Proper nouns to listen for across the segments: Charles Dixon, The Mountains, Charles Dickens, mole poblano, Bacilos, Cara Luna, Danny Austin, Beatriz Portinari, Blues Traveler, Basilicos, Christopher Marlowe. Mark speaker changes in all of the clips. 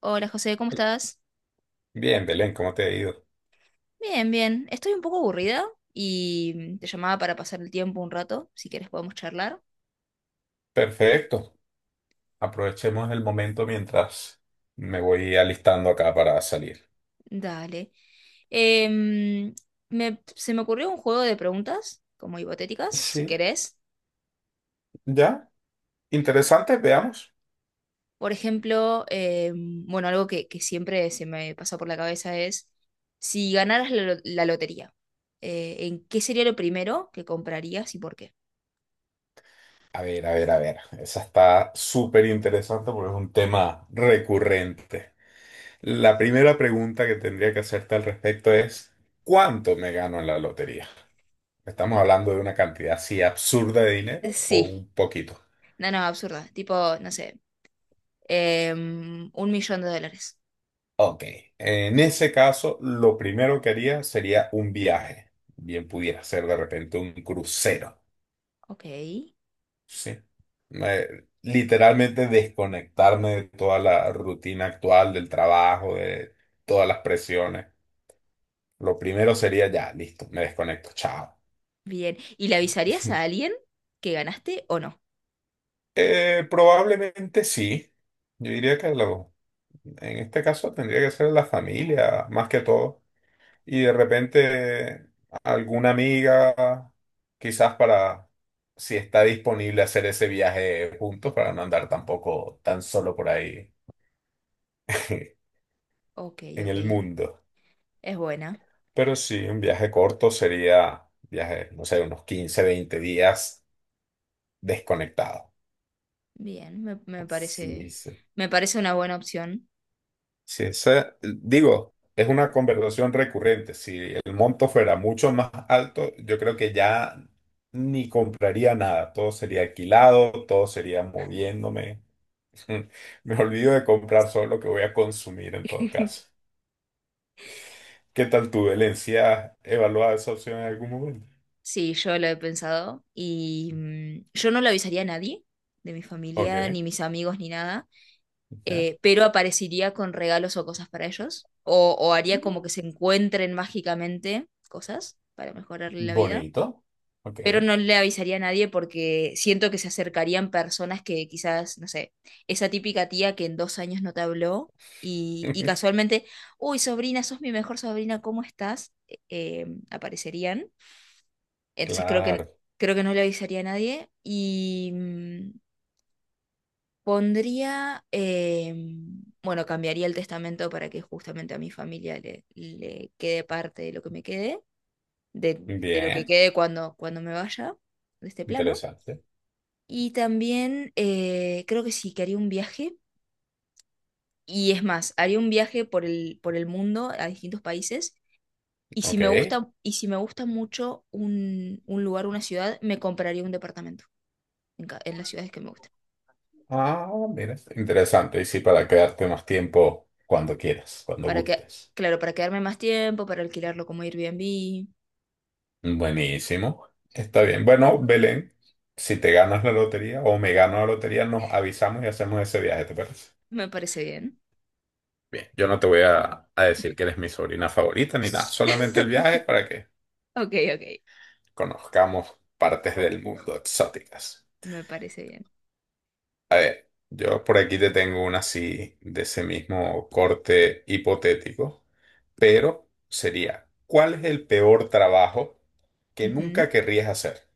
Speaker 1: Hola José, ¿cómo estás?
Speaker 2: Bien, Belén, ¿cómo te ha ido?
Speaker 1: Bien, bien. Estoy un poco aburrida y te llamaba para pasar el tiempo un rato. Si quieres podemos charlar.
Speaker 2: Perfecto. Aprovechemos el momento mientras me voy alistando acá para salir.
Speaker 1: Dale. Em, se me ocurrió un juego de preguntas, como hipotéticas, si
Speaker 2: Sí,
Speaker 1: querés.
Speaker 2: ya. Interesante, veamos.
Speaker 1: Por ejemplo, bueno, algo que siempre se me pasa por la cabeza es, si ganaras la lotería, ¿en qué sería lo primero que comprarías y por qué?
Speaker 2: A ver, a ver, a ver. Esa está súper interesante porque es un tema recurrente. La primera pregunta que tendría que hacerte al respecto es, ¿cuánto me gano en la lotería? ¿Estamos hablando de una cantidad así absurda de dinero o
Speaker 1: Sí,
Speaker 2: un poquito?
Speaker 1: no, no, absurda. Tipo, no sé, un millón de dólares.
Speaker 2: Ok, en ese caso, lo primero que haría sería un viaje. Bien pudiera ser de repente un crucero,
Speaker 1: Ok,
Speaker 2: ¿sí? Me- Literalmente desconectarme de toda la rutina actual, del trabajo, de todas las presiones. Lo primero sería ya, listo, me desconecto, chao.
Speaker 1: bien. ¿Y le avisarías a alguien que ganaste o no?
Speaker 2: Probablemente sí. Yo diría que en este caso tendría que ser la familia, más que todo. Y de repente alguna amiga, quizás para, si está disponible hacer ese viaje juntos, para no andar tampoco tan solo por ahí
Speaker 1: Ok,
Speaker 2: en
Speaker 1: ok.
Speaker 2: el mundo.
Speaker 1: Es buena.
Speaker 2: Pero sí, un viaje corto sería, viaje, no sé, unos 15 20 días desconectado.
Speaker 1: Bien, me
Speaker 2: Sí,
Speaker 1: parece,
Speaker 2: sí.
Speaker 1: me parece una buena opción.
Speaker 2: Si esa, digo, es una conversación recurrente. Si el monto fuera mucho más alto, yo creo que ya ni compraría nada. Todo sería alquilado, todo sería moviéndome. Me olvido de comprar solo lo que voy a consumir en todo caso. ¿Qué tal tu Valencia? ¿Evaluada esa opción en algún momento?
Speaker 1: Sí, yo lo he pensado y yo no lo avisaría a nadie de mi
Speaker 2: Ok,
Speaker 1: familia, ni mis amigos, ni nada,
Speaker 2: ya.
Speaker 1: pero aparecería con regalos o cosas para ellos, o haría como
Speaker 2: Mm.
Speaker 1: que se encuentren mágicamente cosas para mejorarle la vida.
Speaker 2: Bonito. Ok.
Speaker 1: Pero no le avisaría a nadie porque siento que se acercarían personas que quizás, no sé, esa típica tía que en dos años no te habló y casualmente, uy, sobrina, sos mi mejor sobrina, ¿cómo estás? Aparecerían. Entonces creo que,
Speaker 2: Claro.
Speaker 1: creo que no le avisaría a nadie y pondría, bueno, cambiaría el testamento para que justamente a mi familia le quede parte de lo que me quede, de, de lo que
Speaker 2: Bien.
Speaker 1: quede cuando me vaya de este plano.
Speaker 2: Interesante.
Speaker 1: Y también creo que sí, que haría un viaje. Y es más, haría un viaje por el mundo a distintos países. Y si
Speaker 2: Ok.
Speaker 1: me gusta, y si me gusta mucho un lugar, una ciudad, me compraría un departamento en las ciudades que me gustan.
Speaker 2: Ah, mira, interesante. Y sí, para quedarte más tiempo cuando quieras, cuando
Speaker 1: Para que,
Speaker 2: gustes.
Speaker 1: claro, para quedarme más tiempo, para alquilarlo como Airbnb.
Speaker 2: Buenísimo. Está bien. Bueno, Belén, si te ganas la lotería o me gano la lotería, nos avisamos y hacemos ese viaje, ¿te parece?
Speaker 1: Me parece bien.
Speaker 2: Bien, yo no te voy a decir que eres mi sobrina favorita ni nada, solamente el viaje para que
Speaker 1: Ok, ok.
Speaker 2: conozcamos partes del mundo exóticas.
Speaker 1: Me parece bien.
Speaker 2: Yo por aquí te tengo una así de ese mismo corte hipotético. Pero sería, ¿cuál es el peor trabajo que
Speaker 1: Ujú.
Speaker 2: nunca querrías hacer?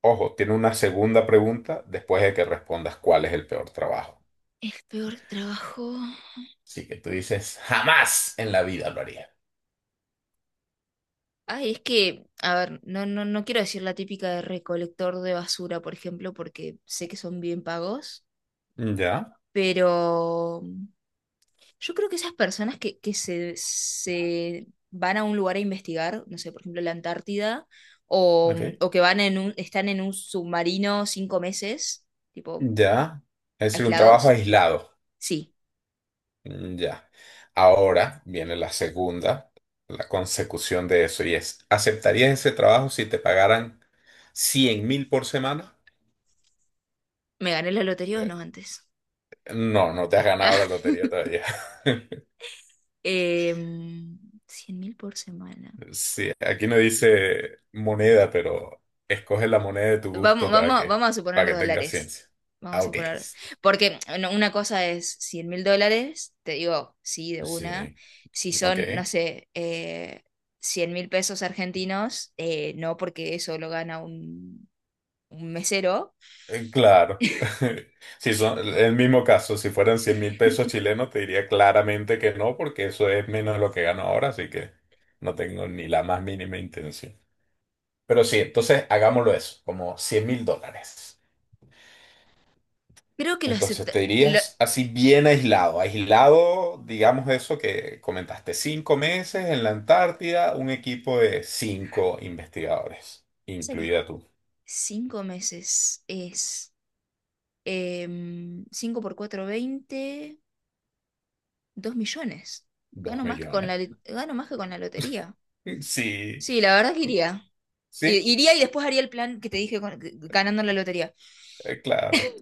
Speaker 2: Ojo, tiene una segunda pregunta después de que respondas cuál es el peor trabajo.
Speaker 1: El peor trabajo.
Speaker 2: Así que tú dices, jamás en la vida lo haría.
Speaker 1: Ay, es que, a ver, no, no, no quiero decir la típica de recolector de basura, por ejemplo, porque sé que son bien pagos,
Speaker 2: Ya,
Speaker 1: pero yo creo que esas personas que se van a un lugar a investigar, no sé, por ejemplo, la Antártida, o,
Speaker 2: ok.
Speaker 1: o que van están en un submarino cinco meses, tipo,
Speaker 2: Ya. Es decir, un trabajo
Speaker 1: aislados,
Speaker 2: aislado.
Speaker 1: sí,
Speaker 2: Mm. Ya. Ahora viene la segunda, la consecución de eso, y es, ¿aceptarías ese trabajo si te pagaran 100.000 por semana?
Speaker 1: me gané la lotería o
Speaker 2: Eh,
Speaker 1: no antes.
Speaker 2: No, no te has ganado la lotería todavía.
Speaker 1: Cien mil por semana.
Speaker 2: Sí, aquí no dice moneda, pero escoge la moneda de tu
Speaker 1: Vamos,
Speaker 2: gusto para
Speaker 1: vamos,
Speaker 2: que,
Speaker 1: vamos a suponer
Speaker 2: para que tenga
Speaker 1: dólares.
Speaker 2: ciencia.
Speaker 1: Vamos
Speaker 2: Ah,
Speaker 1: a
Speaker 2: ok.
Speaker 1: suponer. Porque no, una cosa es 100 mil dólares, te digo, sí, de una.
Speaker 2: Sí,
Speaker 1: Si
Speaker 2: ok.
Speaker 1: son, no sé, 100 mil pesos argentinos, no, porque eso lo gana un mesero.
Speaker 2: Claro. Si son el mismo caso, si fueran 100.000 pesos chilenos, te diría claramente que no, porque eso es menos de lo que gano ahora, así que no tengo ni la más mínima intención. Pero sí, entonces hagámoslo eso, como 100.000 dólares.
Speaker 1: Creo que lo
Speaker 2: Entonces
Speaker 1: acepta.
Speaker 2: te
Speaker 1: Lo,
Speaker 2: dirías así bien aislado, aislado, digamos eso que comentaste, 5 meses en la Antártida, un equipo de cinco investigadores,
Speaker 1: sé que
Speaker 2: incluida tú,
Speaker 1: cinco meses es 5 por 4 20 2 millones.
Speaker 2: dos
Speaker 1: Gano más que con
Speaker 2: millones.
Speaker 1: la, gano más que con la lotería.
Speaker 2: Sí,
Speaker 1: Sí, la verdad que iría.
Speaker 2: sí,
Speaker 1: Iría y después haría el plan que te dije ganando la lotería.
Speaker 2: claro.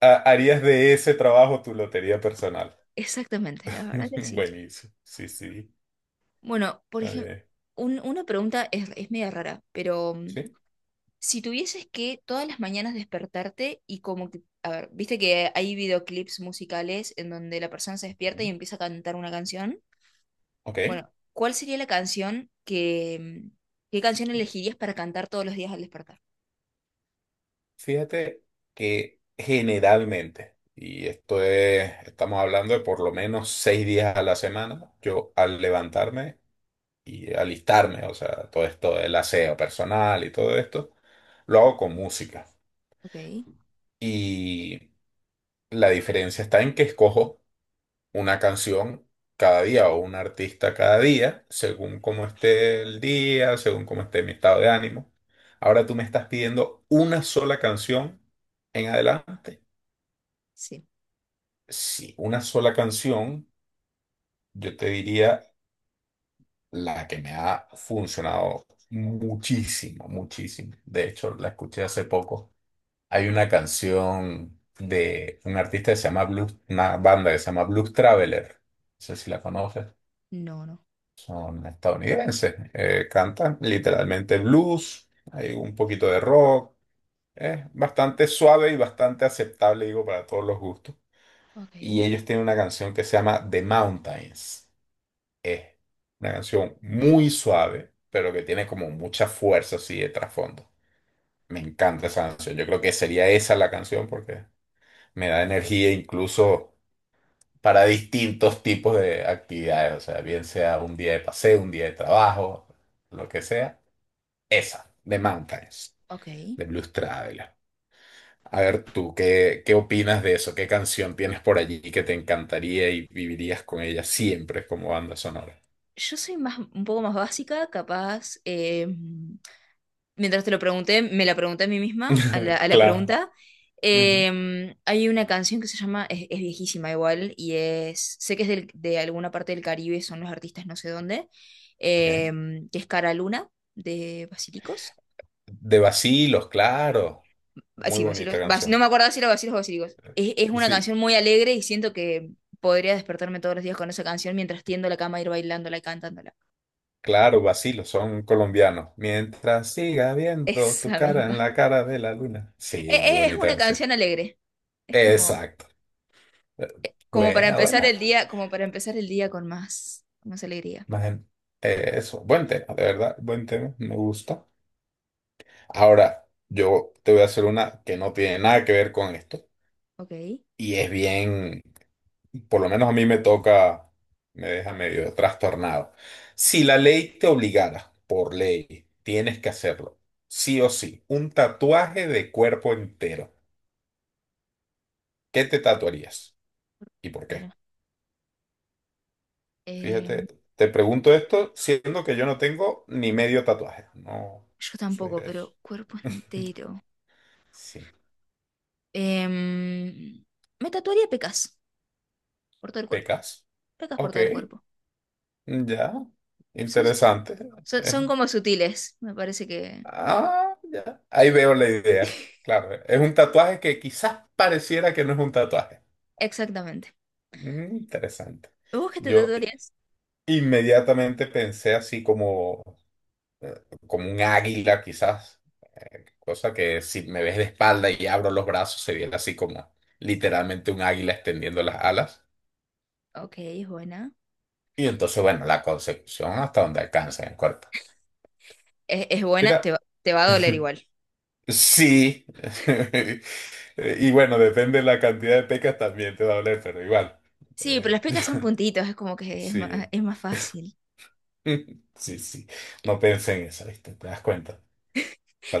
Speaker 2: Harías de ese trabajo tu lotería personal.
Speaker 1: Exactamente, la verdad que sí.
Speaker 2: Buenísimo, sí, sí,
Speaker 1: Bueno, por
Speaker 2: está
Speaker 1: ejemplo,
Speaker 2: bien.
Speaker 1: una pregunta es media rara, pero
Speaker 2: Sí,
Speaker 1: si tuvieses que todas las mañanas despertarte y como que, a ver, viste que hay videoclips musicales en donde la persona se despierta
Speaker 2: mm,
Speaker 1: y empieza a cantar una canción.
Speaker 2: ok.
Speaker 1: Bueno, ¿cuál sería la canción que, mm, qué canción elegirías para cantar todos los días al despertar?
Speaker 2: Fíjate que generalmente, y esto es, estamos hablando de por lo menos 6 días a la semana, yo al levantarme y alistarme, o sea, todo esto del aseo personal y todo esto, lo hago con música.
Speaker 1: Ok,
Speaker 2: Y la diferencia está en que escojo una canción cada día o un artista cada día, según cómo esté el día, según cómo esté mi estado de ánimo. Ahora tú me estás pidiendo una sola canción en adelante.
Speaker 1: sí.
Speaker 2: Si una sola canción, yo te diría la que me ha funcionado muchísimo, muchísimo. De hecho, la escuché hace poco. Hay una canción de un artista que se llama Blues, una banda que se llama Blues Traveler. No sé si la conoces.
Speaker 1: No, no.
Speaker 2: Son estadounidenses. Cantan literalmente blues. Hay un poquito de rock. Es bastante suave y bastante aceptable, digo, para todos los gustos.
Speaker 1: Ok,
Speaker 2: Y ellos tienen una canción que se llama The Mountains. Es una canción muy suave, pero que tiene como mucha fuerza así de trasfondo. Me encanta esa canción. Yo creo que sería esa la canción porque me da energía incluso para distintos tipos de actividades. O sea, bien sea un día de paseo, un día de trabajo, lo que sea. Esa, The Mountains,
Speaker 1: ok.
Speaker 2: de Blues Traveler. A ver tú, ¿qué opinas de eso? ¿Qué canción tienes por allí que te encantaría y vivirías con ella siempre como banda sonora?
Speaker 1: Yo soy más, un poco más básica, capaz. Mientras te lo pregunté, me la pregunté a mí misma, a la, a la
Speaker 2: Claro.
Speaker 1: pregunta.
Speaker 2: Ujú.
Speaker 1: Hay una canción que se llama, es viejísima igual, y es, sé que es de alguna parte del Caribe, son los artistas no sé dónde,
Speaker 2: Ok.
Speaker 1: eh, que es Cara Luna, de Basilicos.
Speaker 2: De Bacilos, claro.
Speaker 1: Ah,
Speaker 2: Muy
Speaker 1: sí,
Speaker 2: bonita
Speaker 1: Basilos, no
Speaker 2: canción.
Speaker 1: me acuerdo si era Basilos o Basilicos. Es una
Speaker 2: Sí,
Speaker 1: canción muy alegre y siento que podría despertarme todos los días con esa canción mientras tiendo la cama, ir bailándola y cantándola.
Speaker 2: claro, Bacilos, son colombianos. Mientras siga viendo tu
Speaker 1: Esa
Speaker 2: cara en
Speaker 1: misma.
Speaker 2: la cara de la luna. Sí, muy
Speaker 1: Es
Speaker 2: bonita
Speaker 1: una
Speaker 2: canción.
Speaker 1: canción alegre. Es como,
Speaker 2: Exacto. Eh,
Speaker 1: como para
Speaker 2: Buena,
Speaker 1: empezar el
Speaker 2: buena.
Speaker 1: día, como para empezar el día con más alegría.
Speaker 2: Más en- eso, buen tema, de verdad, buen tema, me gusta. Ahora, yo te voy a hacer una que no tiene nada que ver con esto
Speaker 1: Ok.
Speaker 2: y es bien, por lo menos a mí me toca, me deja medio trastornado. Si la ley te obligara, por ley, tienes que hacerlo, sí o sí, un tatuaje de cuerpo entero. ¿Qué te tatuarías? ¿Y por
Speaker 1: Pero,
Speaker 2: qué?
Speaker 1: em,
Speaker 2: Fíjate, te pregunto esto siendo que yo no tengo ni medio tatuaje. No
Speaker 1: yo
Speaker 2: soy
Speaker 1: tampoco,
Speaker 2: de eso.
Speaker 1: pero cuerpo entero.
Speaker 2: Sí.
Speaker 1: Em, me tatuaría pecas por todo el cuerpo.
Speaker 2: ¿Pecas?
Speaker 1: Pecas por
Speaker 2: Ok,
Speaker 1: todo el cuerpo.
Speaker 2: ya.
Speaker 1: Son,
Speaker 2: Interesante.
Speaker 1: son como sutiles, me parece que.
Speaker 2: Ah, ya. Ahí veo la idea. Claro, es un tatuaje que quizás pareciera que no es un tatuaje.
Speaker 1: Exactamente.
Speaker 2: Mm, interesante.
Speaker 1: ¿Vos qué te
Speaker 2: Yo
Speaker 1: tatuarías?
Speaker 2: inmediatamente pensé así como, eh, como un águila, quizás. Cosa que si me ves de espalda y abro los brazos, se viera así como literalmente un águila extendiendo las alas.
Speaker 1: Ok, es buena.
Speaker 2: Y entonces, bueno, la concepción hasta donde alcanza en el cuerpo.
Speaker 1: Es buena,
Speaker 2: Mira.
Speaker 1: te va a doler igual.
Speaker 2: Sí. Y bueno, depende de la cantidad de pecas también te va a doler, pero igual.
Speaker 1: Sí, pero las
Speaker 2: Eh,
Speaker 1: pecas son puntitos, es como que es más,
Speaker 2: sí.
Speaker 1: es más fácil.
Speaker 2: Sí, sí. No pensé en eso, ¿viste? Te das cuenta.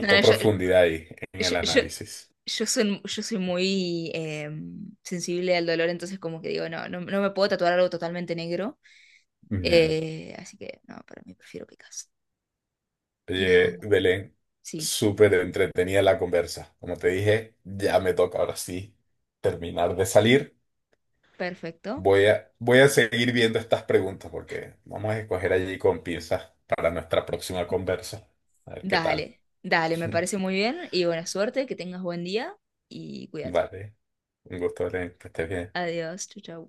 Speaker 1: No, no, yo,
Speaker 2: profundidad ahí en
Speaker 1: Yo,
Speaker 2: el
Speaker 1: yo,
Speaker 2: análisis.
Speaker 1: yo soy muy sensible al dolor, entonces como que digo, no, no, no me puedo tatuar algo totalmente negro.
Speaker 2: Ya.
Speaker 1: Así que no, para mí prefiero Picasso. Ya,
Speaker 2: Oye, Belén,
Speaker 1: sí,
Speaker 2: súper entretenida la conversa. Como te dije, ya me toca ahora sí terminar de salir.
Speaker 1: perfecto.
Speaker 2: Voy a seguir viendo estas preguntas porque vamos a escoger allí con pinzas para nuestra próxima conversa. A ver qué tal.
Speaker 1: Dale, dale, me parece muy bien. Y buena suerte, que tengas buen día y cuídate.
Speaker 2: Vale. Un gusto, Belén, que estés bien.
Speaker 1: Adiós, chau, chau.